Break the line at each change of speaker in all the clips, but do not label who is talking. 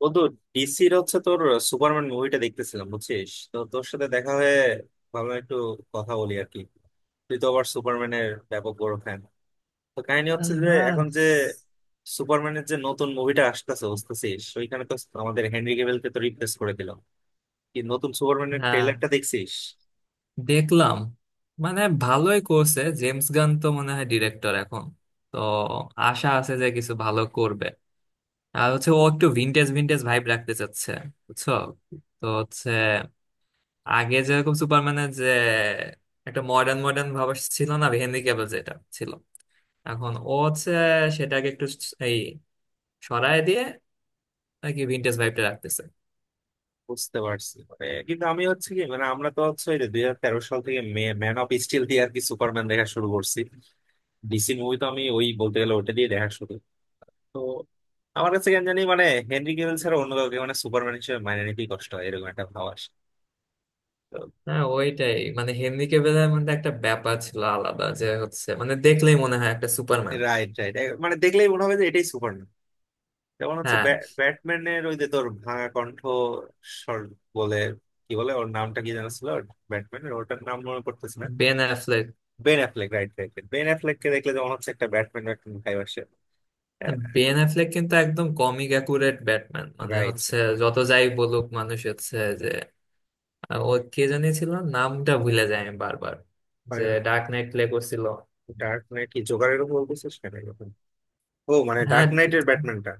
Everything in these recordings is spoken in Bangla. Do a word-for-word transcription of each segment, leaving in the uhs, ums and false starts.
বন্ধু, ডিসির হচ্ছে তোর সুপারম্যান মুভিটা দেখতেছিলাম, বুঝছিস, তো তোর সাথে দেখা হয়ে ভাবলাম একটু কথা বলি আর কি। তুই তো আবার সুপারম্যানের ব্যাপক বড় ফ্যান। তো কাহিনী হচ্ছে যে
হ্যাঁ
এখন যে সুপারম্যানের যে নতুন মুভিটা আসতেছে বুঝতেছিস, ওইখানে তো আমাদের হেনরি ক্যাভিলকে তো রিপ্লেস করে দিল। কি নতুন সুপারম্যানের
হ্যাঁ,
ট্রেলারটা দেখছিস?
দেখলাম। মানে ভালোই করছে, জেমস গান তো মনে হয় ডিরেক্টর এখন, তো আশা আছে যে কিছু ভালো করবে। আর হচ্ছে ও একটু ভিনটেজ ভিনটেজ ভাইব রাখতে চাচ্ছে, বুঝছো। তো হচ্ছে আগে যেরকম সুপারম্যানের যে একটা মডার্ন মডার্ন ভাব ছিল না, হেনরি ক্যাভিল যেটা ছিল, এখন ও হচ্ছে সেটাকে একটু এই সরায় দিয়ে নাকি ভিনটেজ ভাইবটা রাখতেছে।
বুঝতে পারছি, মানে কিন্তু আমি হচ্ছে কি, মানে আমরা তো হচ্ছে ওই দুই হাজার তেরো সাল থেকে ম্যান অফ স্টিল দিয়ে আর কি সুপারম্যান দেখা শুরু করছি। ডিসি মুভি তো আমি ওই বলতে গেলে ওটা দিয়ে দেখা শুরু। তো আমার কাছে কেন জানি মানে হেনরি কেভেল ছাড়া অন্য কাউকে মানে সুপারম্যান হিসেবে মানে নিতেই কষ্ট হয়, এরকম একটা ভাব আসে তো।
হ্যাঁ, ওইটাই মানে হেনরি ক্যাভিলের মধ্যে একটা ব্যাপার ছিল আলাদা, যে হচ্ছে মানে দেখলেই মনে হয় একটা সুপারম্যান।
রাইট, রাইট, মানে দেখলেই মনে হবে যে এটাই সুপারম্যান। যেমন হচ্ছে
হ্যাঁ,
ব্যা- ব্যাটম্যানের ওই যে তোর ভাঙা কণ্ঠ স্বর বলে, কি বলে, ওর নামটা কি জানা ছিল, ব্যাটম্যানের ওটার নাম মনে করতেছি না।
Ben Affleck.
Ben Affleck, right right, Ben Affleck কে দেখলে যেমন হচ্ছে একটা ব্যাটম্যান একটা ভাইব আসে। হ্যাঁ,
বেন অ্যাফ্লেক কিন্তু একদম কমিক অ্যাকুরেট ব্যাটম্যান, মানে
রাইট।
হচ্ছে যত যাই বলুক মানুষ হচ্ছে যে আহ, ও কে জানি ছিল, নামটা ভুলে যায় আমি বারবার, যে ডার্ক নাইট প্লে করছিল।
ডার্ক নাইট কি জোকারের উপর বলতেছিস কেন এরকম? ও মানে
হ্যাঁ
ডার্ক নাইটের ব্যাটম্যানটা।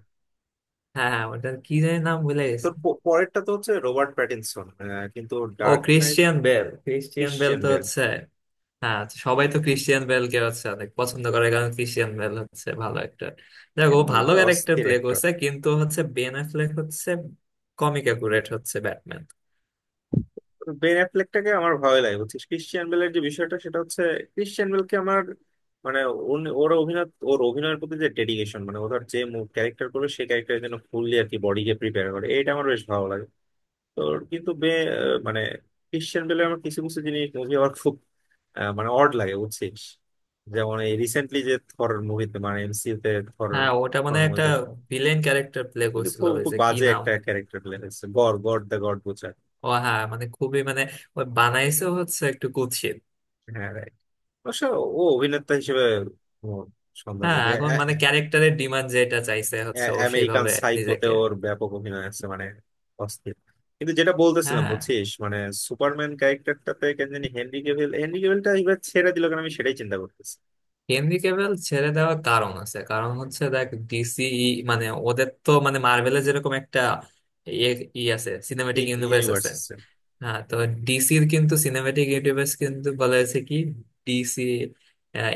হ্যাঁ হ্যাঁ, ওটার কি জানি নাম ভুলে গেছে।
তোর প- পরেরটা তো হচ্ছে রবার্ট প্যাটিনসন, আহ, কিন্তু
ও,
Dark Knight.
Christian Bale. Christian Bale
Christian
তো
বেল,
হচ্ছে, হ্যাঁ। তো সবাই তো ক্রিশ্চিয়ান বেলকে হচ্ছে অনেক পছন্দ করে, কারণ ক্রিশ্চিয়ান বেল হচ্ছে ভালো একটা, দেখো,
ক্রিশ্চিয়ান
ও
বেল
ভালো
তো
ক্যারেক্টার
অস্থির
প্লে
একটা।
করছে, কিন্তু হচ্ছে বেন অ্যাফ্লেক হচ্ছে কমিক অ্যাকুরেট হচ্ছে ব্যাটম্যান।
বেন অ্যাফ্লেকটাকে আমার ভালো লাগে বুঝছিস। ক্রিশ্চিয়ান বেলের যে বিষয়টা সেটা হচ্ছে ক্রিশ্চিয়ান বেলকে আমার মানে উনি- ওর অভিনয়, ওর অভিনয়ের প্রতি যে ডেডিকেশন, মানে ওর যে ক্যারেক্টার করবে সেই ক্যারেক্টারের জন্য ফুললি আর কি বডিকে প্রিপেয়ার করে, এটা আমার বেশ ভালো লাগে। তোর কিন্তু বে আহ, মানে ক্রিশ্চিয়ান বেলের আমার কিছু কিছু জিনিস, মুভি আমার খুব আহ, মানে অড লাগে বুঝছিস। যেমন এই রিসেন্টলি যে থর মুভিতে মানে এমসিইউতে
হ্যাঁ, ওটা মানে
থর,
একটা ভিলেন ক্যারেক্টার প্লে
কিন্তু
করছিল
খুব
ওই
খুব
যে কি
বাজে
নাম।
একটা ক্যারেক্টার প্লে হয়েছে, গড গড দ্য গড বোঝায়।
ও হ্যাঁ, মানে খুবই মানে ওই বানাইছে হচ্ছে একটু কুৎসিত।
হ্যাঁ, রাইট। অবশ্য ও অভিনেতা হিসেবে কোনো সন্দেহ
হ্যাঁ,
নেই যে
এখন
আ-
মানে ক্যারেক্টারের ডিমান্ড যেটা চাইছে হচ্ছে
আ-
ও
আমেরিকান
সেইভাবে
সাইকোতে
নিজেকে।
ওর ব্যাপক অভিনয় আছে, মানে অস্থির। কিন্তু যেটা বলতেছিলাম
হ্যাঁ,
বুঝছিস, মানে সুপারম্যান ক্যারেক্টারটাতে কেন জানি হেনরি ক্যাভিল, হেনরি ক্যাভিলটা এবার ছেড়ে দিল, কারণ আমি সেটাই চিন্তা করতেছি।
হেনরি ক্যাভিল ছেড়ে দেওয়ার কারণ আছে, কারণ হচ্ছে দেখ, ডিসি, মানে ওদের তো মানে মার্ভেলের যেরকম একটা ইয়ে ই আছে, সিনেম্যাটিক ইউনিভার্স আছে।
ইউনিভার্স।
হ্যাঁ, তো ডিসির কিন্তু সিনেম্যাটিক ইউনিভার্স কিন্তু বলা হয়েছে কি ডিসি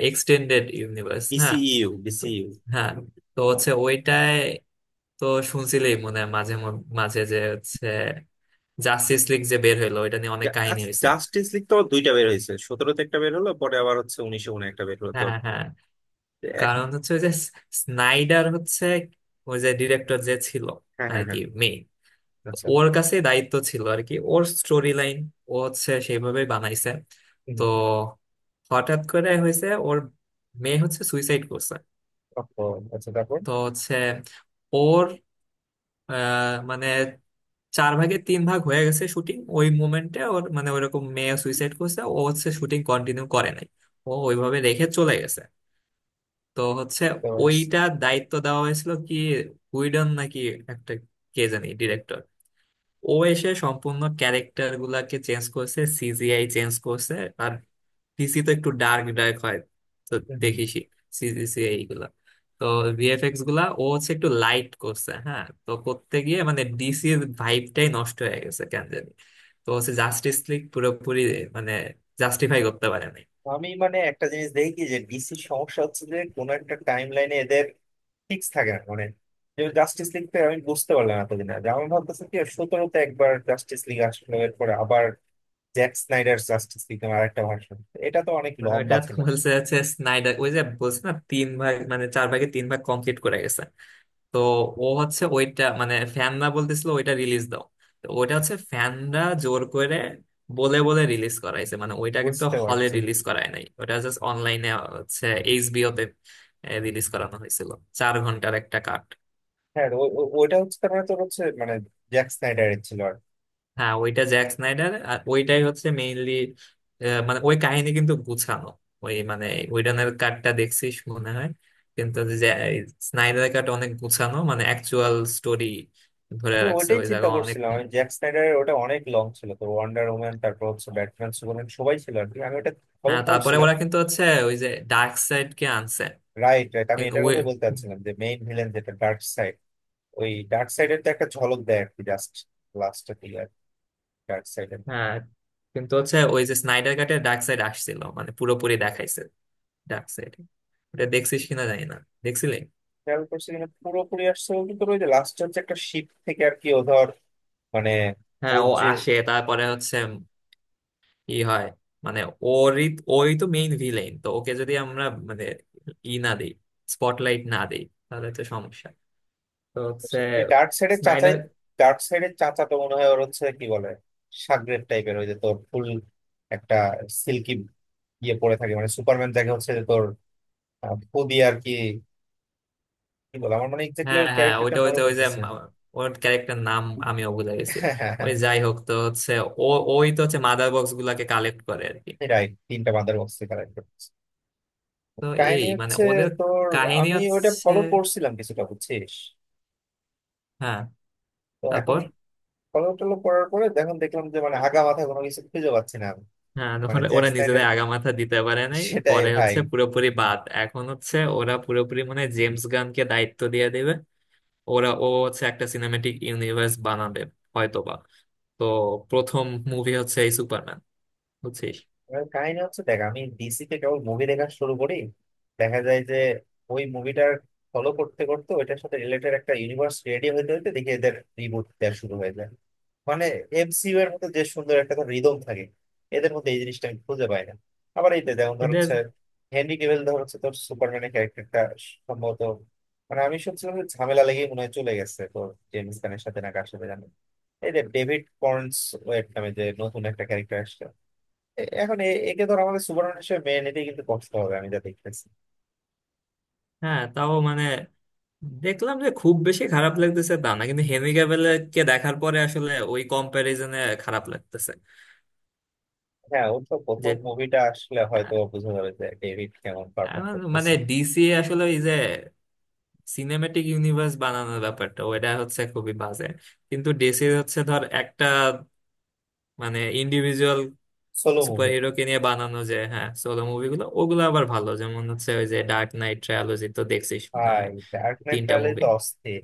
এক্সটেন্ডেড ইউনিভার্স। হ্যাঁ,
ডিসিইউ
তো,
ডিসিইউ
হ্যাঁ, তো হচ্ছে ওইটায় তো শুনছিলেই মনে হয় মাঝে মধ্যে- মাঝে যে হচ্ছে জাস্টিস লিগ যে বের হইলো ওইটা নিয়ে অনেক কাহিনী হয়েছে।
জাস্টিস লিগ তো দুইটা বের হয়েছে, সতেরোতে একটা বের হলো, পরে আবার হচ্ছে উনিশে উনে একটা বের হলো তো।
হ্যাঁ হ্যাঁ,
এক-
কারণ হচ্ছে ওই যে স্নাইডার হচ্ছে ওই যে ডিরেক্টর যে ছিল
হ্যাঁ
আর
হ্যাঁ
কি
হ্যাঁ,
মেইন,
আচ্ছা।
ওর কাছে দায়িত্ব ছিল আর কি, ওর স্টোরি লাইন ও হচ্ছে সেইভাবে বানাইছে। তো হঠাৎ করে হয়েছে ওর মেয়ে হচ্ছে সুইসাইড করছে।
ও, আচ্ছা তারপর
তো হচ্ছে ওর আহ, মানে চার ভাগে তিন ভাগ হয়ে গেছে শুটিং, ওই মোমেন্টে ওর মানে ওইরকম মেয়ে সুইসাইড করছে, ও হচ্ছে শুটিং কন্টিনিউ করে নাই, ও ওইভাবে রেখে চলে গেছে। তো হচ্ছে
তারপর-
ওইটা দায়িত্ব দেওয়া হয়েছিল কি উইডন নাকি একটা কে জানি ডিরেক্টর, ও এসে সম্পূর্ণ ক্যারেক্টার গুলাকে চেঞ্জ করছে, সিজিআই চেঞ্জ করছে। আর ডিসি তো একটু ডার্ক ডার্ক হয়, তো
হুম।
দেখিসই সিজিসিআই গুলা, তো ভিএফএক্স গুলা ও হচ্ছে একটু লাইট করছে। হ্যাঁ, তো করতে গিয়ে মানে ডিসির ভাইবটাই নষ্ট হয়ে গেছে কেন জানি। তো হচ্ছে জাস্টিস লিগ পুরোপুরি মানে জাস্টিফাই করতে পারেনি।
আমি মানে একটা জিনিস দেখি যে ডিসির সমস্যা হচ্ছে যে কোনো একটা টাইম লাইনে এদের ফিক্স থাকে না মানে। যেমন জাস্টিস লিগটা আমি বুঝতে পারলাম না, এতদিন আগে আমার ভাবতেছে কি, সতেরোতে একবার জাস্টিস লিগ আসলো, এরপরে আবার জ্যাক স্নাইডার জাস্টিস লিগ আর একটা ভার্সন, এটা তো অনেক
মানে ওইটা
লম্বা
তো
ছিল।
বলছে হচ্ছে স্নাইডার ওই যে বলছে না তিন ভাগ মানে চার ভাগে তিন ভাগ কমপ্লিট করে গেছে। তো ও হচ্ছে ওইটা মানে ফ্যানরা বলতেছিল ওইটা রিলিজ দাও। তো ওইটা হচ্ছে ফ্যানরা জোর করে বলে বলে রিলিজ করাইছে, মানে ওইটা কিন্তু
বুঝতে
হলে
পারছি।
রিলিজ করায় নাই, ওটা জাস্ট অনলাইনে হচ্ছে এইচবিও তে রিলিজ করানো হয়েছিল, চার ঘন্টার একটা কাট।
হ্যাঁ, ও- ও- ওইটা হচ্ছে, তার মানে তোর হচ্ছে মানে জ্যাক স্নাইডারের ছিল।
হ্যাঁ, ওইটা জ্যাক স্নাইডার আর ওইটাই হচ্ছে মেইনলি, মানে ওই কাহিনী কিন্তু গুছানো। ওই মানে উইডনের কাটটা দেখছিস মনে হয়, কিন্তু স্নাইডারের কাট অনেক গুছানো, মানে অ্যাকচুয়াল স্টোরি ধরে
আমি
রাখছে
ওইটাই
ওই
চিন্তা
জায়গা অনেক।
করছিলাম, আমি জ্যাক স্নাইডারের ওটা অনেক লং ছিল তো, ওয়ান্ডার ওম্যান তারপর হচ্ছে ব্যাটম্যান সুপারম্যান সবাই ছিল আর কি, আমি ওটা ফলো
হ্যাঁ, তারপরে
করছিলাম।
ওরা কিন্তু হচ্ছে ওই যে ডার্ক সাইড কে আনছে
রাইট রাইট, আমি
কিন্তু
এটার
ওই।
কথাই বলতে চাচ্ছিলাম যে মেইন ভিলেন যেটা ডার্ক সাইড। ওই ডার্ক সাইডের তো একটা ঝলক দেয় আর কি জাস্ট লাস্টের দিকে, আর ডার্ক সাইডের
হ্যাঁ, কিন্তু হচ্ছে ওই যে স্নাইডার কাটে ডার্ক সাইড আসছিল মানে পুরোপুরি দেখাইছে ডার্ক সাইড, এটা দেখছিস কিনা জানি না, দেখছিলি।
খেয়াল করছি কিনা পুরোপুরি আসছে, কিন্তু ওই যে লাস্ট হচ্ছে একটা শিপ থেকে আর কি ও ধর, মানে
হ্যাঁ,
ওর
ও
যে
আসে, তারপরে হচ্ছে কি হয়, মানে ওরই, ওই তো মেইন ভিলেন, তো ওকে যদি আমরা মানে ই না দিই, স্পটলাইট না দিই, তাহলে তো সমস্যা। তো হচ্ছে
ওই ডার্ক সাইডের চাচাই,
স্নাইডার।
ডার্ক সাইডের চাচা তো মনে হয় ওর হচ্ছে কি বলে সাগরেদ টাইপের, ওই যে তোর ফুল একটা সিল্কি ইয়ে পরে থাকে, মানে সুপারম্যান যাকে হচ্ছে যে তোর আহ, খুবই আর কি, কি বলে, আমার মানে এক্স্যাক্টলি
হ্যাঁ
ওর
হ্যাঁ,
ক্যারেক্টারটা
ওইটা ওই
মনে
তো ওই যে
পড়তেছে।
মা- ওর ক্যারেক্টার নাম আমিও ভুলে গেছি। ওই যাই হোক, তো হচ্ছে ও ওই তো হচ্ছে মাদার বক্স গুলাকে কালেক্ট করে আর কি।
রাইট, তিনটা বাঁদর বক্সে কালেক্ট করতেছে।
তো
কাহিনী
এই মানে
হচ্ছে
ওদের
তোর,
কাহিনী
আমি ওইটা
হচ্ছে,
ফলো করছিলাম কিছুটা বুঝছিস।
হ্যাঁ,
তো এখন
তারপর।
ফলো টলো করার পরে এখন দেখলাম যে মানে আগা মাথা কোনো কিছু খুঁজে পাচ্ছি না আমি।
হ্যাঁ,
মানে
ওরা
জ্যাক
ওরা
স্ন্যাডের,
নিজেদের আগামাথা দিতে পারে নাই,
সেটাই
পরে
ভাই।
হচ্ছে পুরোপুরি বাদ, এখন হচ্ছে ওরা পুরোপুরি মানে জেমস গানকে দায়িত্ব দিয়ে দেবে, ওরা ও হচ্ছে একটা সিনেমেটিক ইউনিভার্স বানাবে হয়তোবা। তো প্রথম মুভি হচ্ছে এই সুপারম্যান, বুঝছিস
এবার কাহিনী হচ্ছে দেখ, আমি ডিসিতে কেবল মুভি দেখা শুরু করি, দেখা যায় যে ওই মুভিটার ফলো করতে করতে ওইটার সাথে রিলেটেড একটা ইউনিভার্স রেডি হইতে হইতে দেখি এদের রিবুট দেওয়া শুরু হয়ে যায়। মানে এমসিইউ এর মধ্যে যে সুন্দর একটা রিদম থাকে, এদের মধ্যে এই জিনিসটা আমি খুঁজে পাই না। আবার এই যে যেমন ধর
এটা।
হচ্ছে হেনরি ক্যাভিল ধর হচ্ছে তোর সুপারম্যানের ক্যারেক্টারটা সম্ভবত, মানে আমি শুনছিলাম যে ঝামেলা লেগে মনে হয় চলে গেছে তোর জেমস গানের সাথে না কার সাথে জানি। এই যে ডেভিড কর্নস ওয়েট নামে যে নতুন একটা ক্যারেক্টার আসছে, এ- এখন এ- একে ধর আমাদের সুপারম্যান হিসেবে মেনে নিতেই কিন্তু কষ্ট হবে, আমি যা দেখতেছি।
হ্যাঁ, তাও মানে দেখলাম যে খুব বেশি খারাপ লাগতেছে তা না, কিন্তু হেনরি ক্যাভিলকে দেখার পরে আসলে ওই কম্প্যারিজনে খারাপ লাগতেছে।
হ্যাঁ, ওর তো
যে
প্রথম মুভিটা আসলে
আহ,
হয়তো বোঝা যাবে যে ডেভিড কেমন
আহ,
পারফর্ম
মানে
করতেছে।
ডিসি আসলে ওই যে সিনেম্যাটিক ইউনিভার্স বানানোর ব্যাপারটা ওইটা হচ্ছে খুবই বাজে, কিন্তু ডিসির হচ্ছে ধর একটা মানে ইন্ডিভিজুয়াল
সোলো
সুপার
মুভি।
হিরোকে নিয়ে বানানো যে হ্যাঁ সোলো মুভিগুলো, ওগুলো আবার ভালো, যেমন হচ্ছে ওই যে ডার্ক নাইট ট্রায়োলজি তো দেখছিস মনে হয়,
ভাই ডার্ক নাইট
তিনটা
রাইজেস
মুভি,
তো অস্থির।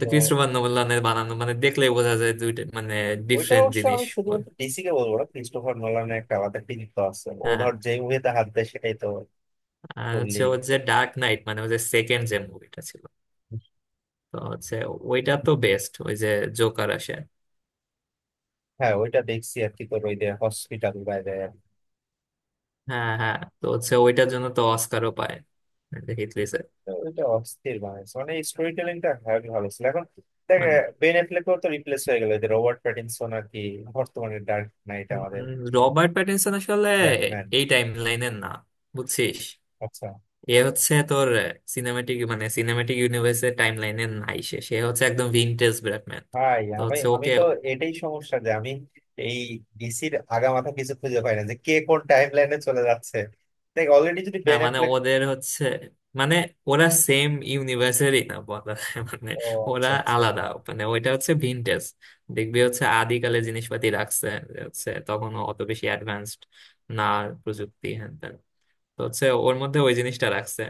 তো
তো
ক্রিস্টোফার নোলানের বানানো, মানে দেখলেই বোঝা যায় দুইটা মানে
ওইটা
ডিফারেন্ট
অবশ্য
জিনিস
আমি
ওর।
শুধুমাত্র ডিসি কে বলবো না, ক্রিস্টোফার নোলানের একটা আলাদা কৃতিত্ব আছে, ও
হ্যাঁ,
ধর যে মুভিতে হাত দেয় সেটাই তো।
আর হচ্ছে ওর
বললি।
যে ডার্ক নাইট মানে ওই যে সেকেন্ড যে মুভিটা ছিল, তো হচ্ছে ওইটা তো বেস্ট, ওই যে জোকার আসে।
হ্যাঁ, ওইটা দেখছি আর কি, তোর ওই যে হসপিটাল বাইরে।
হ্যাঁ হ্যাঁ, তো হচ্ছে ওইটার জন্য তো অস্কারও পায়, হিথ লেজার।
তো ওইটা অস্থির বানাইছে মানে স্টোরি টেলিংটা হেভি ভালো ছিল। এখন দেখ,
মানে
বেন অ্যাফ্লেকও তো রিপ্লেস হয়ে গেল, যে রবার্ট প্যাটিনসন আর কি, বর্তমানে ডার্ক নাইট
উম,
আমাদের
রবার্ট প্যাটিনসন আসলে
ব্যাটম্যান।
এই টাইম লাইনের না, বুঝছিস।
আচ্ছা।
এ হচ্ছে তোর সিনেমাটিক মানে সিনেমাটিক ইউনিভার্সের টাইম লাইনের নাই, সে সে হচ্ছে একদম ভিনটেজ ব্যাটম্যান।
ভাই
তো
আমি
হচ্ছে
আমি
ওকে,
তো এটাই সমস্যা যে আমি এই ডিসির আগামাথা কিছু খুঁজে পাই না যে কে কোন টাইম লাইনে চলে যাচ্ছে। দেখ অলরেডি যদি
না
বেন
মানে
অ্যাফ্লেক।
ওদের হচ্ছে মানে ওরা সেম ইউনিভার্সেরই না, বলা যায়। মানে
ও,
ওরা
আচ্ছা আচ্ছা।
আলাদা, মানে ওইটা হচ্ছে ভিনটেজ। দেখবি হচ্ছে আদিকালে জিনিসপাতি রাখছে, যে হচ্ছে তখন অত বেশি অ্যাডভান্সড না, প্রযুক্তি হ্যান ত্যান। তো হচ্ছে ওর মধ্যে ওই জিনিসটা রাখছে।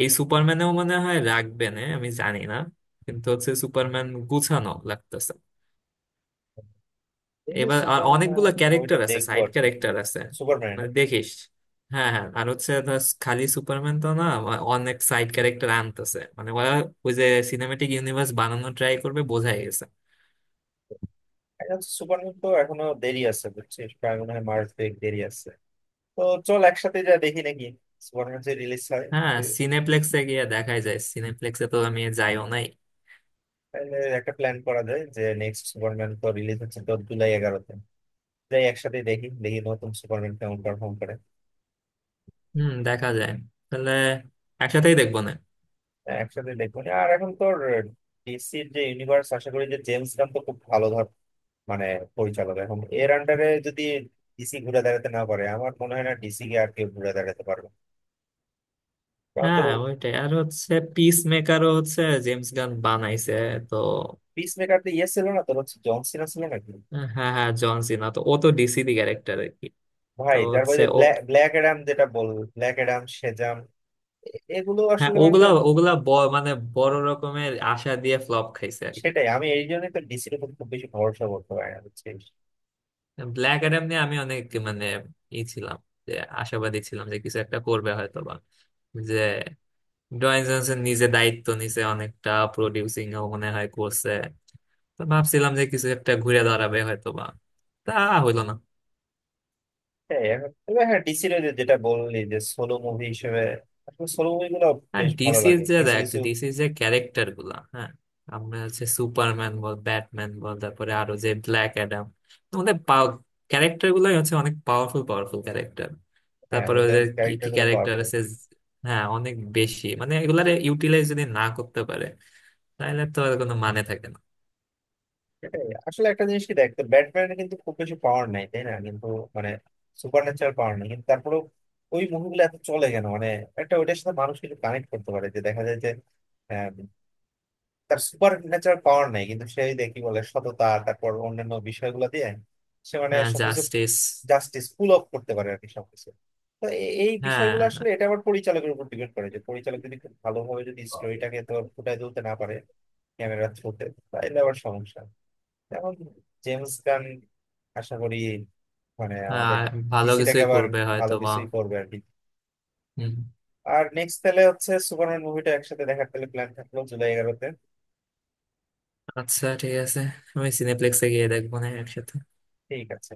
এই সুপারম্যানেও মনে হয় রাখবে না, আমি জানি না, কিন্তু হচ্ছে সুপারম্যান গুছানো লাগতেছে।
দেখি
এবার আর
সুপারম্যান
অনেকগুলো
মুভিটা
ক্যারেক্টার আছে,
দেখবো
সাইড
আর কি।
ক্যারেক্টার আছে,
সুপারম্যান।
মানে দেখিস। হ্যাঁ হ্যাঁ, আর হচ্ছে ধর খালি সুপারম্যান তো না, আ- অনেক সাইড ক্যারেক্টার আনতেছে, মানে ওরা ওই যে সিনেমেটিক ইউনিভার্স বানানো ট্রাই করবে বোঝাই গেছে।
সুপারম্যান তো এখনো দেরি আছে বুঝছিস, প্রায় মনে হয় মার্চ দেরি আছে। তো চল একসাথে যা দেখি নাকি, সুপারম্যান যে রিলিজ হয়।
হ্যাঁ,
তো
সিনেপ্লেক্সে গিয়ে দেখাই যায়, সিনেপ্লেক্সে তো আমি যাইও নাই।
তাহলে একটা প্ল্যান করা যায় যে নেক্সট সুপারম্যান তো রিলিজ হচ্ছে তোর জুলাই এগারোতে। যাই একসাথে দেখি, দেখি নতুন সুপারম্যান কেমন পারফর্ম করে।
হুম, দেখা যায়, তাহলে একসাথেই দেখবো না।
হ্যাঁ, একসাথে দেখবো না। আর এখন তোর ডিসির যে ইউনিভার্স, আশা করি যে জেমস গান তো খুব ভালো ধর মানে পরিচালক, এখন এর আন্ডারে যদি ডিসি ঘুরে দাঁড়াতে না পারে, আমার মনে হয় না ডিসি কে আর কেউ ঘুরে দাঁড়াতে পারবে, কারণ তোর।
হ্যাঁ, ওইটাই, আর হচ্ছে পিস মেকারও হচ্ছে জেমস গান বানাইছে। তো
পিস মেকার তো ইয়ে ছিল না তোর, হচ্ছে জন সিনা ছিল নাকি?
হ্যাঁ হ্যাঁ, জন সিনা তো ও তো ডিসি দি ক্যারেক্টার আর কি। তো
ভাই
হচ্ছে
তারপরে ব্ল্যাক ব্ল্যাক অ্যাডাম যেটা বল, ব্ল্যাক অ্যাডাম, সেজাম, এগুলো
হ্যাঁ,
আসলে মানে তো।
ওগুলা ওগুলা ব- মানে বড় রকমের আশা দিয়ে ফ্লপ খাইছে আর কি।
সেটাই আমি এই জন্যই তো ডিসির উপর খুব বেশি ভরসা করতে পারি না বুঝছিস।
ব্ল্যাক অ্যাডাম নিয়ে আমি অনেক মানে ই ছিলাম, যে আশাবাদী ছিলাম যে কিছু একটা করবে হয়তো বা, যে ডয়েন জনসন নিজে দায়িত্ব নিছে অনেকটা, প্রডিউসিং ও মনে হয় করছে। তো ভাবছিলাম যে কিছু একটা ঘুরে দাঁড়াবে হয়তো বা, তা হইলো না।
সেটাই এখন, তবে হ্যাঁ, ডিসির ওই যে যেটা বললি যে সোলো মুভি হিসেবে আসলে সোলো মুভি গুলো
আর
বেশ ভালো
ডিসির
লাগে
যে
কিছু
দেখ
কিছু।
ডিসির যে ক্যারেক্টার গুলা, হ্যাঁ, আমরা হচ্ছে সুপারম্যান বল, ব্যাটম্যান বল, তারপরে আরো যে ব্ল্যাক অ্যাডাম, আমাদের ক্যারেক্টার গুলাই হচ্ছে অনেক পাওয়ারফুল পাওয়ারফুল ক্যারেক্টার।
হ্যাঁ,
তারপরে
ওদের
ওদের কি
ক্যারেক্টার
কি
গুলো
ক্যারেক্টার
পাওয়ারফুল।
আছে, হ্যাঁ অনেক বেশি, মানে এগুলার ইউটিলাইজ যদি না করতে পারে তাহলে তো আর কোনো মানে থাকে না।
সেটাই আসলে একটা জিনিস, কি দেখ তো, ব্যাটম্যান কিন্তু খুব বেশি পাওয়ার নাই তাই না, কিন্তু মানে সুপার ন্যাচারাল পাওয়ার নাই, কিন্তু তারপরেও ওই মুভিগুলো এত চলে কেন মানে। একটা ওইটার সাথে মানুষ কিছু কানেক্ট করতে পারে, যে দেখা যায় যে হ্যাঁ, তার সুপার ন্যাচারাল পাওয়ার নাই, কিন্তু সে ওই যে কি বলে সততা তারপর অন্যান্য বিষয়গুলো দিয়ে সে মানে
হ্যাঁ,
সবকিছু,
জাস্টিস।
জাস্টিস পুল অফ করতে পারে আর কি সবকিছু। তো এ- এই
হ্যাঁ,
বিষয়গুলো আসলে এটা আবার পরিচালকের উপর ডিপেন্ড করে, যে পরিচালক যদি খুব ভালোভাবে যদি স্টোরিটাকে তো ফুটায় তুলতে না পারে, ক্যামেরা থ্রুতে, তাহলে আবার সমস্যা। যেমন জেমস গান আশা করি মানে আমাদের
আর ভালো
ডিসিটাকে
কিছুই
আবার
করবে
ভালো
হয়তো বা।
কিছুই করবে আর কি।
হুম।
আর নেক্সট তাহলে হচ্ছে সুপারম্যান মুভিটা একসাথে দেখার, তাহলে প্ল্যান থাকলো জুলাই এগারোতে।
আচ্ছা, ঠিক আছে, আমি সিনেপ্লেক্সে গিয়ে দেখবো না একসাথে
ঠিক আছে।